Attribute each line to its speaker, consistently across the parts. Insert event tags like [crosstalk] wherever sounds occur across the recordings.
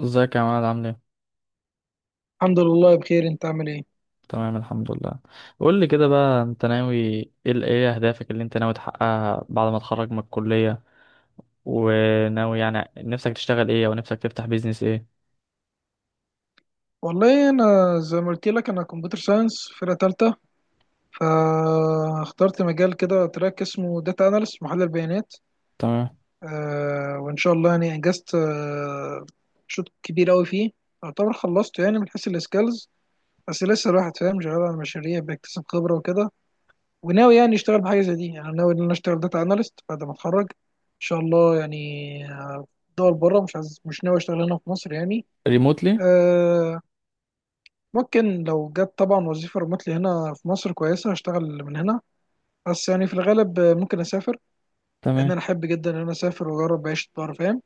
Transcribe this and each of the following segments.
Speaker 1: ازيك يا عماد عامل ايه؟
Speaker 2: الحمد لله بخير. انت عامل ايه؟
Speaker 1: تمام، الحمد لله. قول لي كده بقى، انت ناوي ايه، ايه اهدافك اللي انت ناوي تحققها بعد ما تخرج من الكلية؟ وناوي يعني نفسك تشتغل ايه او نفسك تفتح بيزنس ايه؟
Speaker 2: والله انا زي ما قلت لك، انا كمبيوتر ساينس فرقه تالتة، فاخترت مجال كده تراك اسمه داتا اناليست، محلل بيانات.
Speaker 1: تمام.
Speaker 2: وان شاء الله يعني انجزت شوط كبير قوي فيه، يعتبر خلصته يعني من حيث السكيلز، بس لسه الواحد فاهم شغال على مشاريع، بيكتسب خبره وكده. وناوي يعني اشتغل بحاجه زي دي، يعني ناوي ان انا اشتغل داتا اناليست بعد ما اتخرج ان شاء الله يعني. دول بره، مش عايز مش ناوي اشتغل هنا في مصر يعني.
Speaker 1: ريموتلي.
Speaker 2: آه، ممكن لو جت طبعا وظيفة ريموتلي هنا في مصر كويسة هشتغل من هنا، بس يعني في الغالب ممكن أسافر، لأن
Speaker 1: تمام.
Speaker 2: أنا أحب جدا إن أنا أسافر وأجرب عيشة بره، فاهم؟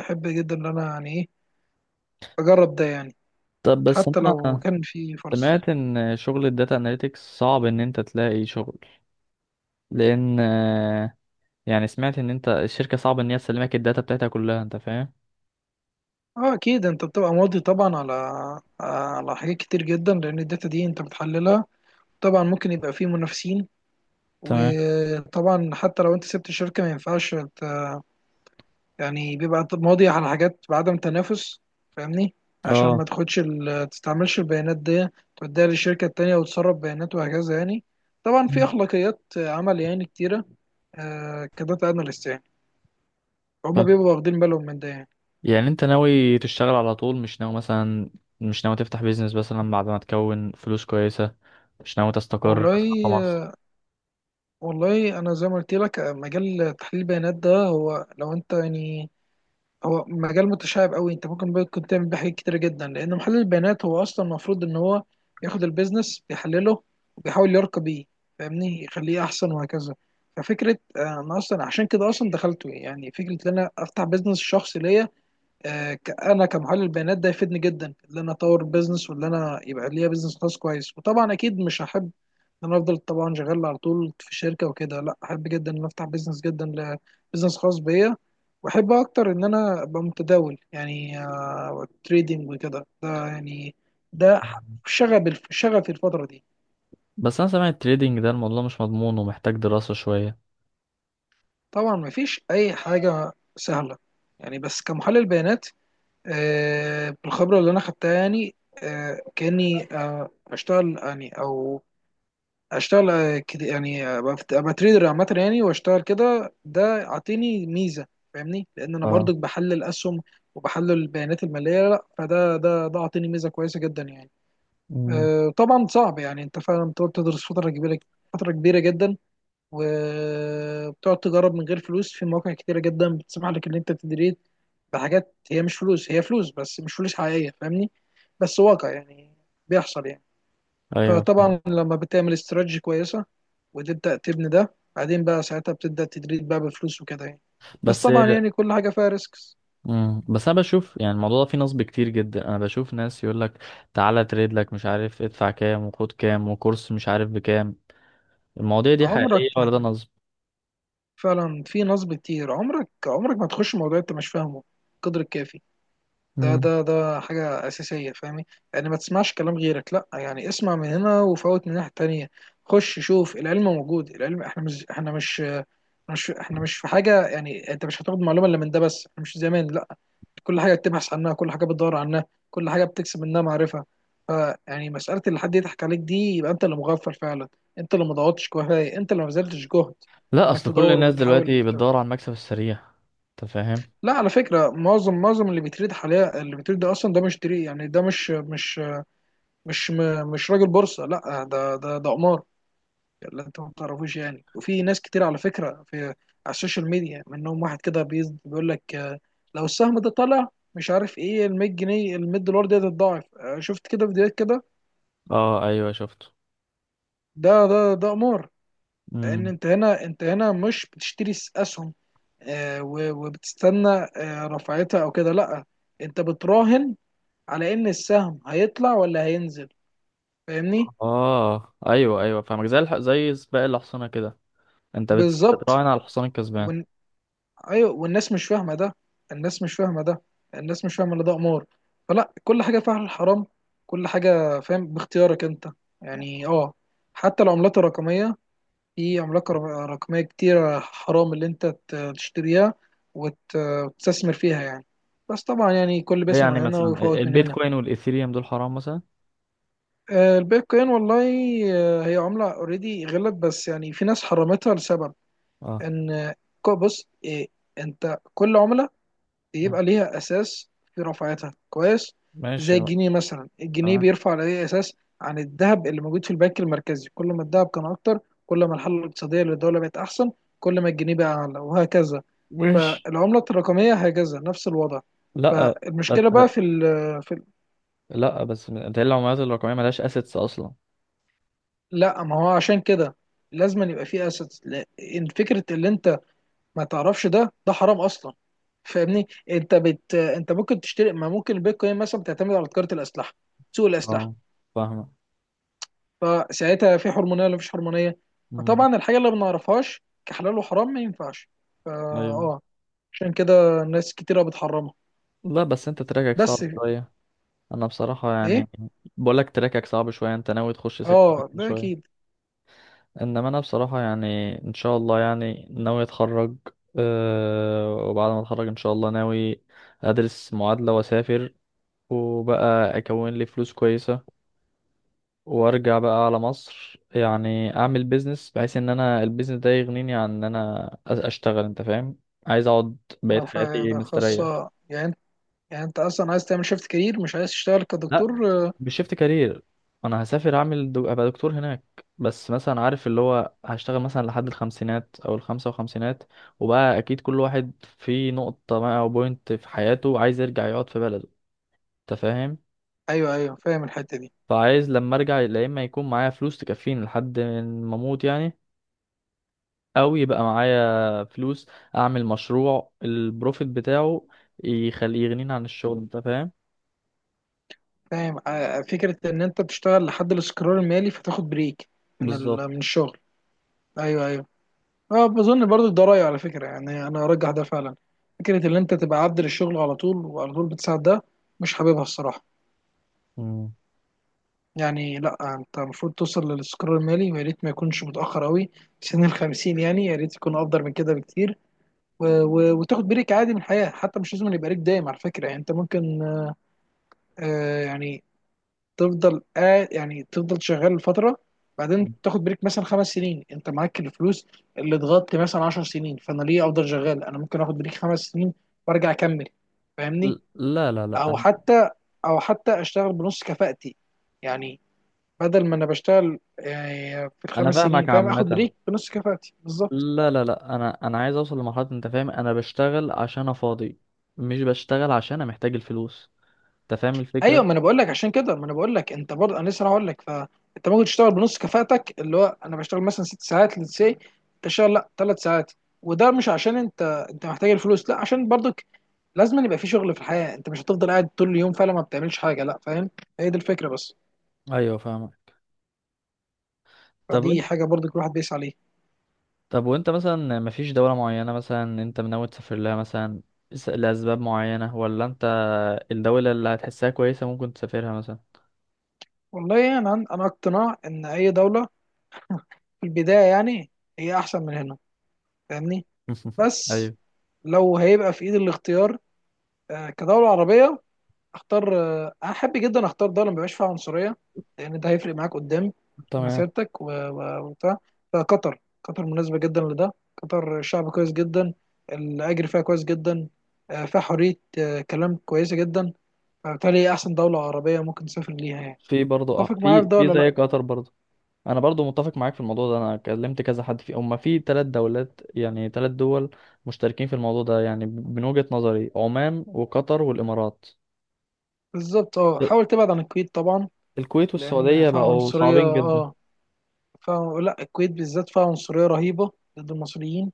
Speaker 2: أحب جدا إن أنا يعني إيه، أجرب ده يعني،
Speaker 1: طب بس
Speaker 2: حتى لو
Speaker 1: انا
Speaker 2: كان في فرص.
Speaker 1: سمعت ان شغل الداتا اناليتكس صعب ان انت تلاقي شغل، لان يعني سمعت ان انت الشركة صعب ان هي تسلمك الداتا بتاعتها كلها، انت فاهم؟
Speaker 2: أه أكيد، أنت بتبقى ماضي طبعا على حاجات كتير جدا لأن الداتا دي أنت بتحللها. طبعا ممكن يبقى فيه منافسين،
Speaker 1: تمام.
Speaker 2: وطبعا حتى لو أنت سبت الشركة ما ينفعش، يعني بيبقى ماضي على حاجات بعدم تنافس، فاهمني؟ عشان ما
Speaker 1: اه،
Speaker 2: تاخدش تستعملش البيانات دي، توديها للشركة التانية وتسرب بيانات وهكذا يعني. طبعا في أخلاقيات عمل يعني كتيرة، كداتا أناليست يعني، هما بيبقوا واخدين بالهم من ده يعني.
Speaker 1: يعني انت ناوي تشتغل على طول، مش ناوي مثلا، مش ناوي تفتح بيزنس مثلا بعد ما تكون فلوس كويسة، مش ناوي تستقر
Speaker 2: والله
Speaker 1: مثلا في مصر؟
Speaker 2: والله أنا زي ما قلت لك مجال تحليل البيانات ده، هو لو أنت يعني، هو مجال متشعب قوي. انت ممكن تعمل بيه حاجات كتيره جدا لان محلل البيانات هو اصلا المفروض ان هو ياخد البيزنس بيحلله وبيحاول يرقى بيه، فاهمني؟ يخليه احسن وهكذا. ففكره انا اصلا عشان كده اصلا دخلته، يعني فكره ان انا افتح بيزنس شخصي ليا. انا كمحلل بيانات ده يفيدني جدا ان انا اطور بيزنس، وان انا يبقى ليا بيزنس خاص كويس. وطبعا اكيد مش هحب ان انا افضل طبعا شغال على طول في شركه وكده، لا احب جدا ان أنا افتح بيزنس جدا، بيزنس خاص بيا. واحب اكتر ان انا ابقى متداول يعني، تريدنج وكده، ده يعني، ده ح- شغفي الفتره دي.
Speaker 1: بس انا سامع التريدينج ده الموضوع مش مضمون ومحتاج دراسة شوية.
Speaker 2: طبعا مفيش اي حاجه سهله يعني، بس كمحلل بيانات بالخبرة اللي أنا خدتها يعني، كأني أشتغل يعني أو أشتغل كده يعني أبقى تريدر عامة يعني، وأشتغل كده، ده أعطيني ميزة، فاهمني؟ لأن أنا
Speaker 1: اه.
Speaker 2: برضك بحلل أسهم وبحلل البيانات المالية، لا فده ده أعطيني ميزة كويسة جدا يعني.
Speaker 1: مم.
Speaker 2: طبعا صعب يعني، أنت فعلا بتقعد تدرس فترة كبيرة، فترة كبيرة جدا. وبتقعد تجرب من غير فلوس في مواقع كتيرة جدا بتسمح لك ان انت تدريت بحاجات، هي مش فلوس، هي فلوس بس مش فلوس حقيقية، فاهمني؟ بس واقع يعني، بيحصل يعني.
Speaker 1: ايوه، فاهم.
Speaker 2: فطبعا لما بتعمل استراتيجي كويسة وتبدأ تبني ده، بعدين بقى ساعتها بتبدأ تدريت بقى بفلوس وكده يعني. بس
Speaker 1: بس.
Speaker 2: طبعا يعني كل حاجة فيها ريسكس.
Speaker 1: مم. بس انا بشوف يعني الموضوع ده فيه نصب كتير جدا، انا بشوف ناس يقول لك تعالى تريد لك، مش عارف ادفع كام وخد كام وكورس مش عارف بكام. المواضيع دي
Speaker 2: عمرك
Speaker 1: حقيقية ولا
Speaker 2: ما،
Speaker 1: ده نصب؟
Speaker 2: فعلا في نصب كتير. عمرك ما تخش موضوع انت مش فاهمه القدر الكافي. ده
Speaker 1: مم.
Speaker 2: ده ده حاجة أساسية، فاهمي؟ يعني ما تسمعش كلام غيرك، لأ يعني اسمع من هنا وفوت من الناحية التانية. خش شوف العلم موجود، العلم احنا مش في حاجة يعني انت مش هتاخد معلومة إلا من ده بس، احنا مش زمان لأ. كل حاجة بتبحث عنها، كل حاجة بتدور عنها، كل حاجة بتكسب منها معرفة. ف، يعني مسألة اللي حد يضحك عليك دي، يبقى انت اللي مغفل فعلا، انت اللي ما ضغطتش كفاية، انت اللي ما بذلتش جهد
Speaker 1: لا،
Speaker 2: انك
Speaker 1: اصل كل
Speaker 2: تدور
Speaker 1: الناس دلوقتي
Speaker 2: وتحاول.
Speaker 1: بتدور على المكسب السريع، انت فاهم.
Speaker 2: لا على فكرة معظم اللي بيتريد حاليا، اللي بيتريد ده أصلا ده مش تري يعني، ده مش راجل بورصة، لا ده ده قمار اللي أنت ما تعرفوش يعني. وفي ناس كتير على فكرة في على السوشيال ميديا منهم، واحد كده بيقول لك لو السهم ده طلع مش عارف إيه ال 100 جنيه ال 100 دولار دي هتتضاعف. شفت كده فيديوهات كده؟
Speaker 1: اه، ايوه شفته.
Speaker 2: ده ده قمار. لأن
Speaker 1: امم.
Speaker 2: أنت هنا، أنت هنا مش بتشتري أسهم وبتستنى رفعتها أو كده، لا انت بتراهن على ان السهم هيطلع ولا هينزل، فاهمني؟
Speaker 1: اه ايوه ايوه فاهمك، زي زي سباق الحصانه كده، انت
Speaker 2: بالظبط.
Speaker 1: بتتراهن على الحصان الكسبان.
Speaker 2: ون... ايوه، والناس مش فاهمه ده، الناس مش فاهمه ده، الناس مش فاهمه ان ده قمار. فلا كل حاجه فيها الحرام، كل حاجه فاهم باختيارك انت يعني. اه حتى العملات الرقميه، في رقميه كتيره حرام اللي انت تشتريها وت- وتستثمر فيها يعني. بس طبعا يعني كل
Speaker 1: ليه
Speaker 2: بيسمع
Speaker 1: يعني
Speaker 2: من هنا
Speaker 1: مثلا
Speaker 2: ويفوت من هنا.
Speaker 1: البيتكوين والايثيريوم دول حرام مثلا؟
Speaker 2: البيتكوين والله، هي عمله اوريدي غلت، بس يعني في ناس حرمتها لسبب،
Speaker 1: اه.
Speaker 2: ان بص إيه، انت كل عملة
Speaker 1: مم.
Speaker 2: بيبقى ليها اساس في رفعتها كويس. زي
Speaker 1: ماشي بقى.
Speaker 2: الجنيه مثلا، الجنيه
Speaker 1: تمام.
Speaker 2: بيرفع على اي اساس؟ عن الذهب اللي موجود في البنك المركزي. كل ما الذهب كان اكتر، كل ما الحالة الاقتصادية للدولة بقت احسن، كل ما الجنيه بقى اعلى وهكذا.
Speaker 1: ماشي.
Speaker 2: فالعملة الرقمية هكذا نفس الوضع.
Speaker 1: لا. بس
Speaker 2: فالمشكلة بقى في ال
Speaker 1: بس ده العملات الرقميه ملهاش اسيتس اصلا.
Speaker 2: لا ما هو عشان كده لازم يبقى فيه اسيتس. فكرة اللي انت ما تعرفش ده، حرام اصلا، فاهمني؟ انت ممكن تشتري، ما ممكن البيتكوين مثلا بتعتمد على تجاره الاسلحه، سوق الاسلحه.
Speaker 1: اه، فاهمه.
Speaker 2: فساعتها في حرمانيه ولا مفيش حرمانيه؟
Speaker 1: امم.
Speaker 2: فطبعا الحاجه اللي ما نعرفهاش كحلال وحرام ما ينفعش. فا
Speaker 1: ايوه.
Speaker 2: اه عشان كده ناس كتيره بتحرمها.
Speaker 1: لا بس انت تراكك
Speaker 2: بس
Speaker 1: صعب شويه، انا بصراحه
Speaker 2: ايه،
Speaker 1: يعني بقولك تراكك صعب شويه، انت ناوي تخش سكه
Speaker 2: اه ده
Speaker 1: شويه.
Speaker 2: اكيد.
Speaker 1: انما انا بصراحة يعني، ان شاء الله يعني ناوي اتخرج، أه. وبعد ما اتخرج ان شاء الله ناوي ادرس معادلة واسافر، وبقى اكون لي فلوس كويسة، وارجع بقى على مصر يعني اعمل بيزنس بحيث ان انا البيزنس ده يغنيني عن ان انا اشتغل، انت فاهم. عايز اقعد بقية حياتي
Speaker 2: فده
Speaker 1: مستريح.
Speaker 2: خاصه يعني، يعني انت اصلا عايز تعمل شيفت كارير، مش عايز تشتغل
Speaker 1: لا.
Speaker 2: كدكتور
Speaker 1: بشيفت كارير انا هسافر، اعمل ابقى دكتور هناك، بس مثلا عارف اللي هو هشتغل مثلا لحد الخمسينات او الخمسة وخمسينات، وبقى اكيد كل واحد في نقطة ما او بوينت في حياته عايز يرجع يقعد في بلده، انت فاهم.
Speaker 2: ايوه ايوه فاهم الحته دي.
Speaker 1: فعايز لما ارجع يا اما يكون معايا فلوس تكفيني لحد ما اموت يعني، او يبقى معايا فلوس اعمل مشروع البروفيت بتاعه يخليه يغنيني عن الشغل، انت فاهم.
Speaker 2: فاهم فكرة إن أنت تشتغل لحد الاستقرار المالي فتاخد بريك
Speaker 1: بالظبط.
Speaker 2: من الشغل. أيوه أيوه، أه. بظن برضو ده رأيي على فكرة يعني، أنا أرجح ده فعلا. فكرة إن أنت تبقى عبد للشغل على طول وعلى طول بتساعد ده، مش حاببها الصراحة.
Speaker 1: مم.
Speaker 2: يعني لأ أنت المفروض توصل للاستقرار المالي، ويا ريت ما يكونش متأخر أوي سن ال 50 يعني، يا ريت يكون أفضل من كده بكتير. و... و... وتاخد بريك عادي من الحياة، حتى مش لازم يبقى ليك دايم على فكرة يعني. أنت ممكن يعني تفضل يعني تفضل شغال فتره، بعدين تاخد بريك مثلا 5 سنين، انت معاك الفلوس اللي اتغطي مثلا 10 سنين، فانا ليه افضل شغال؟ انا ممكن اخد بريك 5 سنين وارجع اكمل، فاهمني؟
Speaker 1: لا لا لا،
Speaker 2: او
Speaker 1: انا.
Speaker 2: حتى، اشتغل بنص كفاءتي يعني، بدل ما انا بشتغل في
Speaker 1: انا
Speaker 2: ال 5 سنين
Speaker 1: فاهمك
Speaker 2: فاهم، اخد
Speaker 1: عامه.
Speaker 2: بريك بنص كفاءتي بالظبط.
Speaker 1: لا لا لا، انا عايز اوصل لمرحله، انت فاهم انا بشتغل عشان انا فاضي، مش بشتغل عشان انا محتاج الفلوس، انت فاهم الفكره.
Speaker 2: ايوه ما انا بقول لك، عشان كده ما انا بقول لك انت برضه، انا لسه هقول لك، فانت ممكن تشتغل بنص كفاءتك، اللي هو انا بشتغل مثلا 6 ساعات للسي، تشتغل لا 3 ساعات. وده مش عشان انت، محتاج الفلوس لا، عشان برضك لازم يبقى في شغل في الحياه، انت مش هتفضل قاعد طول اليوم فعلا ما بتعملش حاجه، لا فاهم؟ هي دي الفكره بس.
Speaker 1: ايوه فاهمك. طب
Speaker 2: فدي
Speaker 1: انت.
Speaker 2: حاجه برضك الواحد بيسعى عليها.
Speaker 1: طب وانت مثلا مفيش دوله معينه مثلا انت ناوي تسافر لها مثلا، لاسباب معينه، ولا انت الدوله اللي هتحسها كويسه ممكن تسافرها مثلا؟
Speaker 2: والله انا اقتناع ان اي دوله في البدايه يعني هي احسن من هنا، فاهمني؟
Speaker 1: [laughs]
Speaker 2: بس
Speaker 1: ايوه.
Speaker 2: لو هيبقى في ايد الاختيار كدوله عربيه، اختار انا احب جدا اختار دوله ما بيبقاش فيها عنصريه، لان ده هيفرق معاك قدام في
Speaker 1: تمام.
Speaker 2: مسيرتك و- و- وبتاع. فقطر، قطر مناسبه جدا لده. قطر شعب كويس جدا، الاجر فيها كويس جدا، فيها حريه كلام كويسه جدا. فبالتالي هي احسن دوله عربيه ممكن تسافر ليها يعني.
Speaker 1: في برضه اه،
Speaker 2: اتفق معايا في
Speaker 1: في
Speaker 2: ده
Speaker 1: في
Speaker 2: ولا لا؟
Speaker 1: زي قطر برضه. انا برضو متفق معاك في الموضوع ده، انا كلمت كذا حد فيه، هما في 3 دولات يعني 3 دول مشتركين في الموضوع ده يعني، من وجهة نظري عمان وقطر والامارات.
Speaker 2: بالظبط، اه حاول تبعد عن الكويت طبعا،
Speaker 1: الكويت
Speaker 2: لان
Speaker 1: والسعودية
Speaker 2: فيها
Speaker 1: بقوا
Speaker 2: عنصريه،
Speaker 1: صعبين جدا.
Speaker 2: اه فيها، لا الكويت بالذات فيها عنصريه رهيبه ضد المصريين،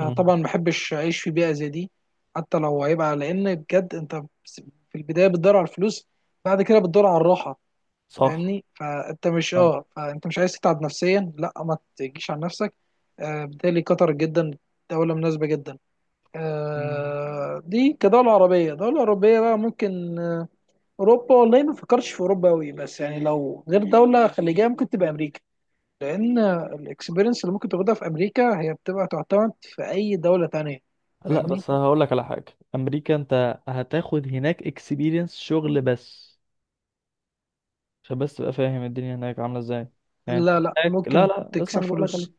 Speaker 1: مم.
Speaker 2: ما بحبش اعيش في بيئه زي دي. حتى لو هيبقى، لان بجد انت في البدايه بتدور على الفلوس، بعد كده بتدور على الراحه،
Speaker 1: صح.
Speaker 2: فاهمني؟ فانت مش
Speaker 1: أنا-
Speaker 2: اه فانت مش عايز تتعب نفسيا، لا ما تجيش على نفسك. آه بالتالي قطر جدا دوله مناسبه جدا،
Speaker 1: مم.
Speaker 2: آه دي كدوله عربيه. دوله اوروبيه بقى ممكن آه، اوروبا والله ما فكرتش في اوروبا قوي، بس يعني لو غير دوله خليجيه ممكن تبقى امريكا، لان الاكسبيرينس اللي ممكن تاخدها في امريكا هي بتبقى تعتمد في اي دوله تانية،
Speaker 1: لا
Speaker 2: فاهمني؟
Speaker 1: بس هقول لك على حاجة، امريكا انت هتاخد هناك اكسبيرينس شغل بس، عشان بس تبقى فاهم الدنيا هناك عاملة ازاي. يعني انت
Speaker 2: لا لا
Speaker 1: هناك، لا
Speaker 2: ممكن
Speaker 1: لا، اسمع
Speaker 2: تكسب
Speaker 1: اللي بقول لك،
Speaker 2: فلوس.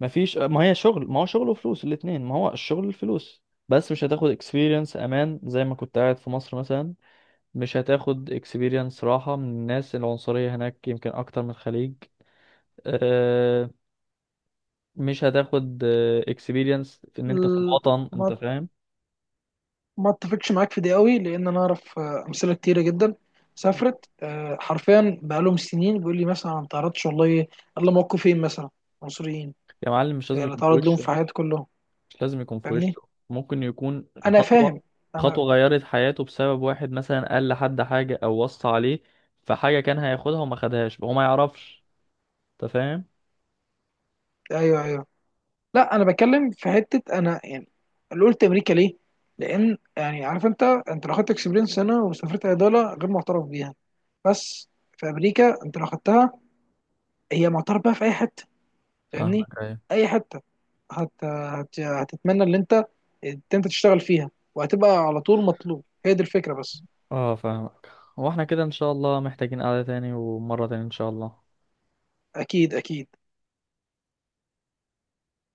Speaker 1: ما فيش، ما هي شغل، ما هو شغل وفلوس الاتنين، ما هو الشغل الفلوس. بس مش هتاخد experience امان زي ما كنت قاعد في مصر مثلا، مش هتاخد experience راحة من الناس العنصرية، هناك يمكن اكتر من الخليج. أه. مش هتاخد experience في ان انت في
Speaker 2: ال-
Speaker 1: الوطن، انت
Speaker 2: ما
Speaker 1: فاهم.
Speaker 2: ما اتفقش معاك في دي قوي، لان انا اعرف امثله كتيره جدا سافرت حرفيا بقالهم سنين، بيقول لي مثلا أنا ما تعرضتش والله الا موقفين مثلا مصريين.
Speaker 1: يا معلم مش لازم
Speaker 2: اللي
Speaker 1: يكون في
Speaker 2: تعرض لهم في
Speaker 1: وشه،
Speaker 2: حياتي كلهم،
Speaker 1: مش لازم يكون في
Speaker 2: فاهمني؟
Speaker 1: وشه، ممكن يكون
Speaker 2: انا فاهم،
Speaker 1: خطوة،
Speaker 2: انا،
Speaker 1: خطوة غيرت حياته بسبب واحد مثلا قال لحد حاجة او وصى عليه، فحاجة كان هياخدها وما خدهاش هو ما يعرفش، انت فاهم.
Speaker 2: ايوه ايوه. لا انا بتكلم في حته انا يعني، اللي قلت امريكا ليه؟ لان يعني عارف انت، لو خدت اكسبيرينس هنا وسافرت عضله غير معترف بيها. بس في امريكا انت لو خدتها، هي معترف بيها في اي حته. فاهمني؟
Speaker 1: فاهمك. ايوه
Speaker 2: اي حته هتتمنى ان انت تشتغل فيها وهتبقى على طول مطلوب. هي دي الفكره بس.
Speaker 1: اه فاهمك. واحنا كده ان شاء الله محتاجين قعدة تاني ومرة تاني ان شاء الله.
Speaker 2: اكيد اكيد.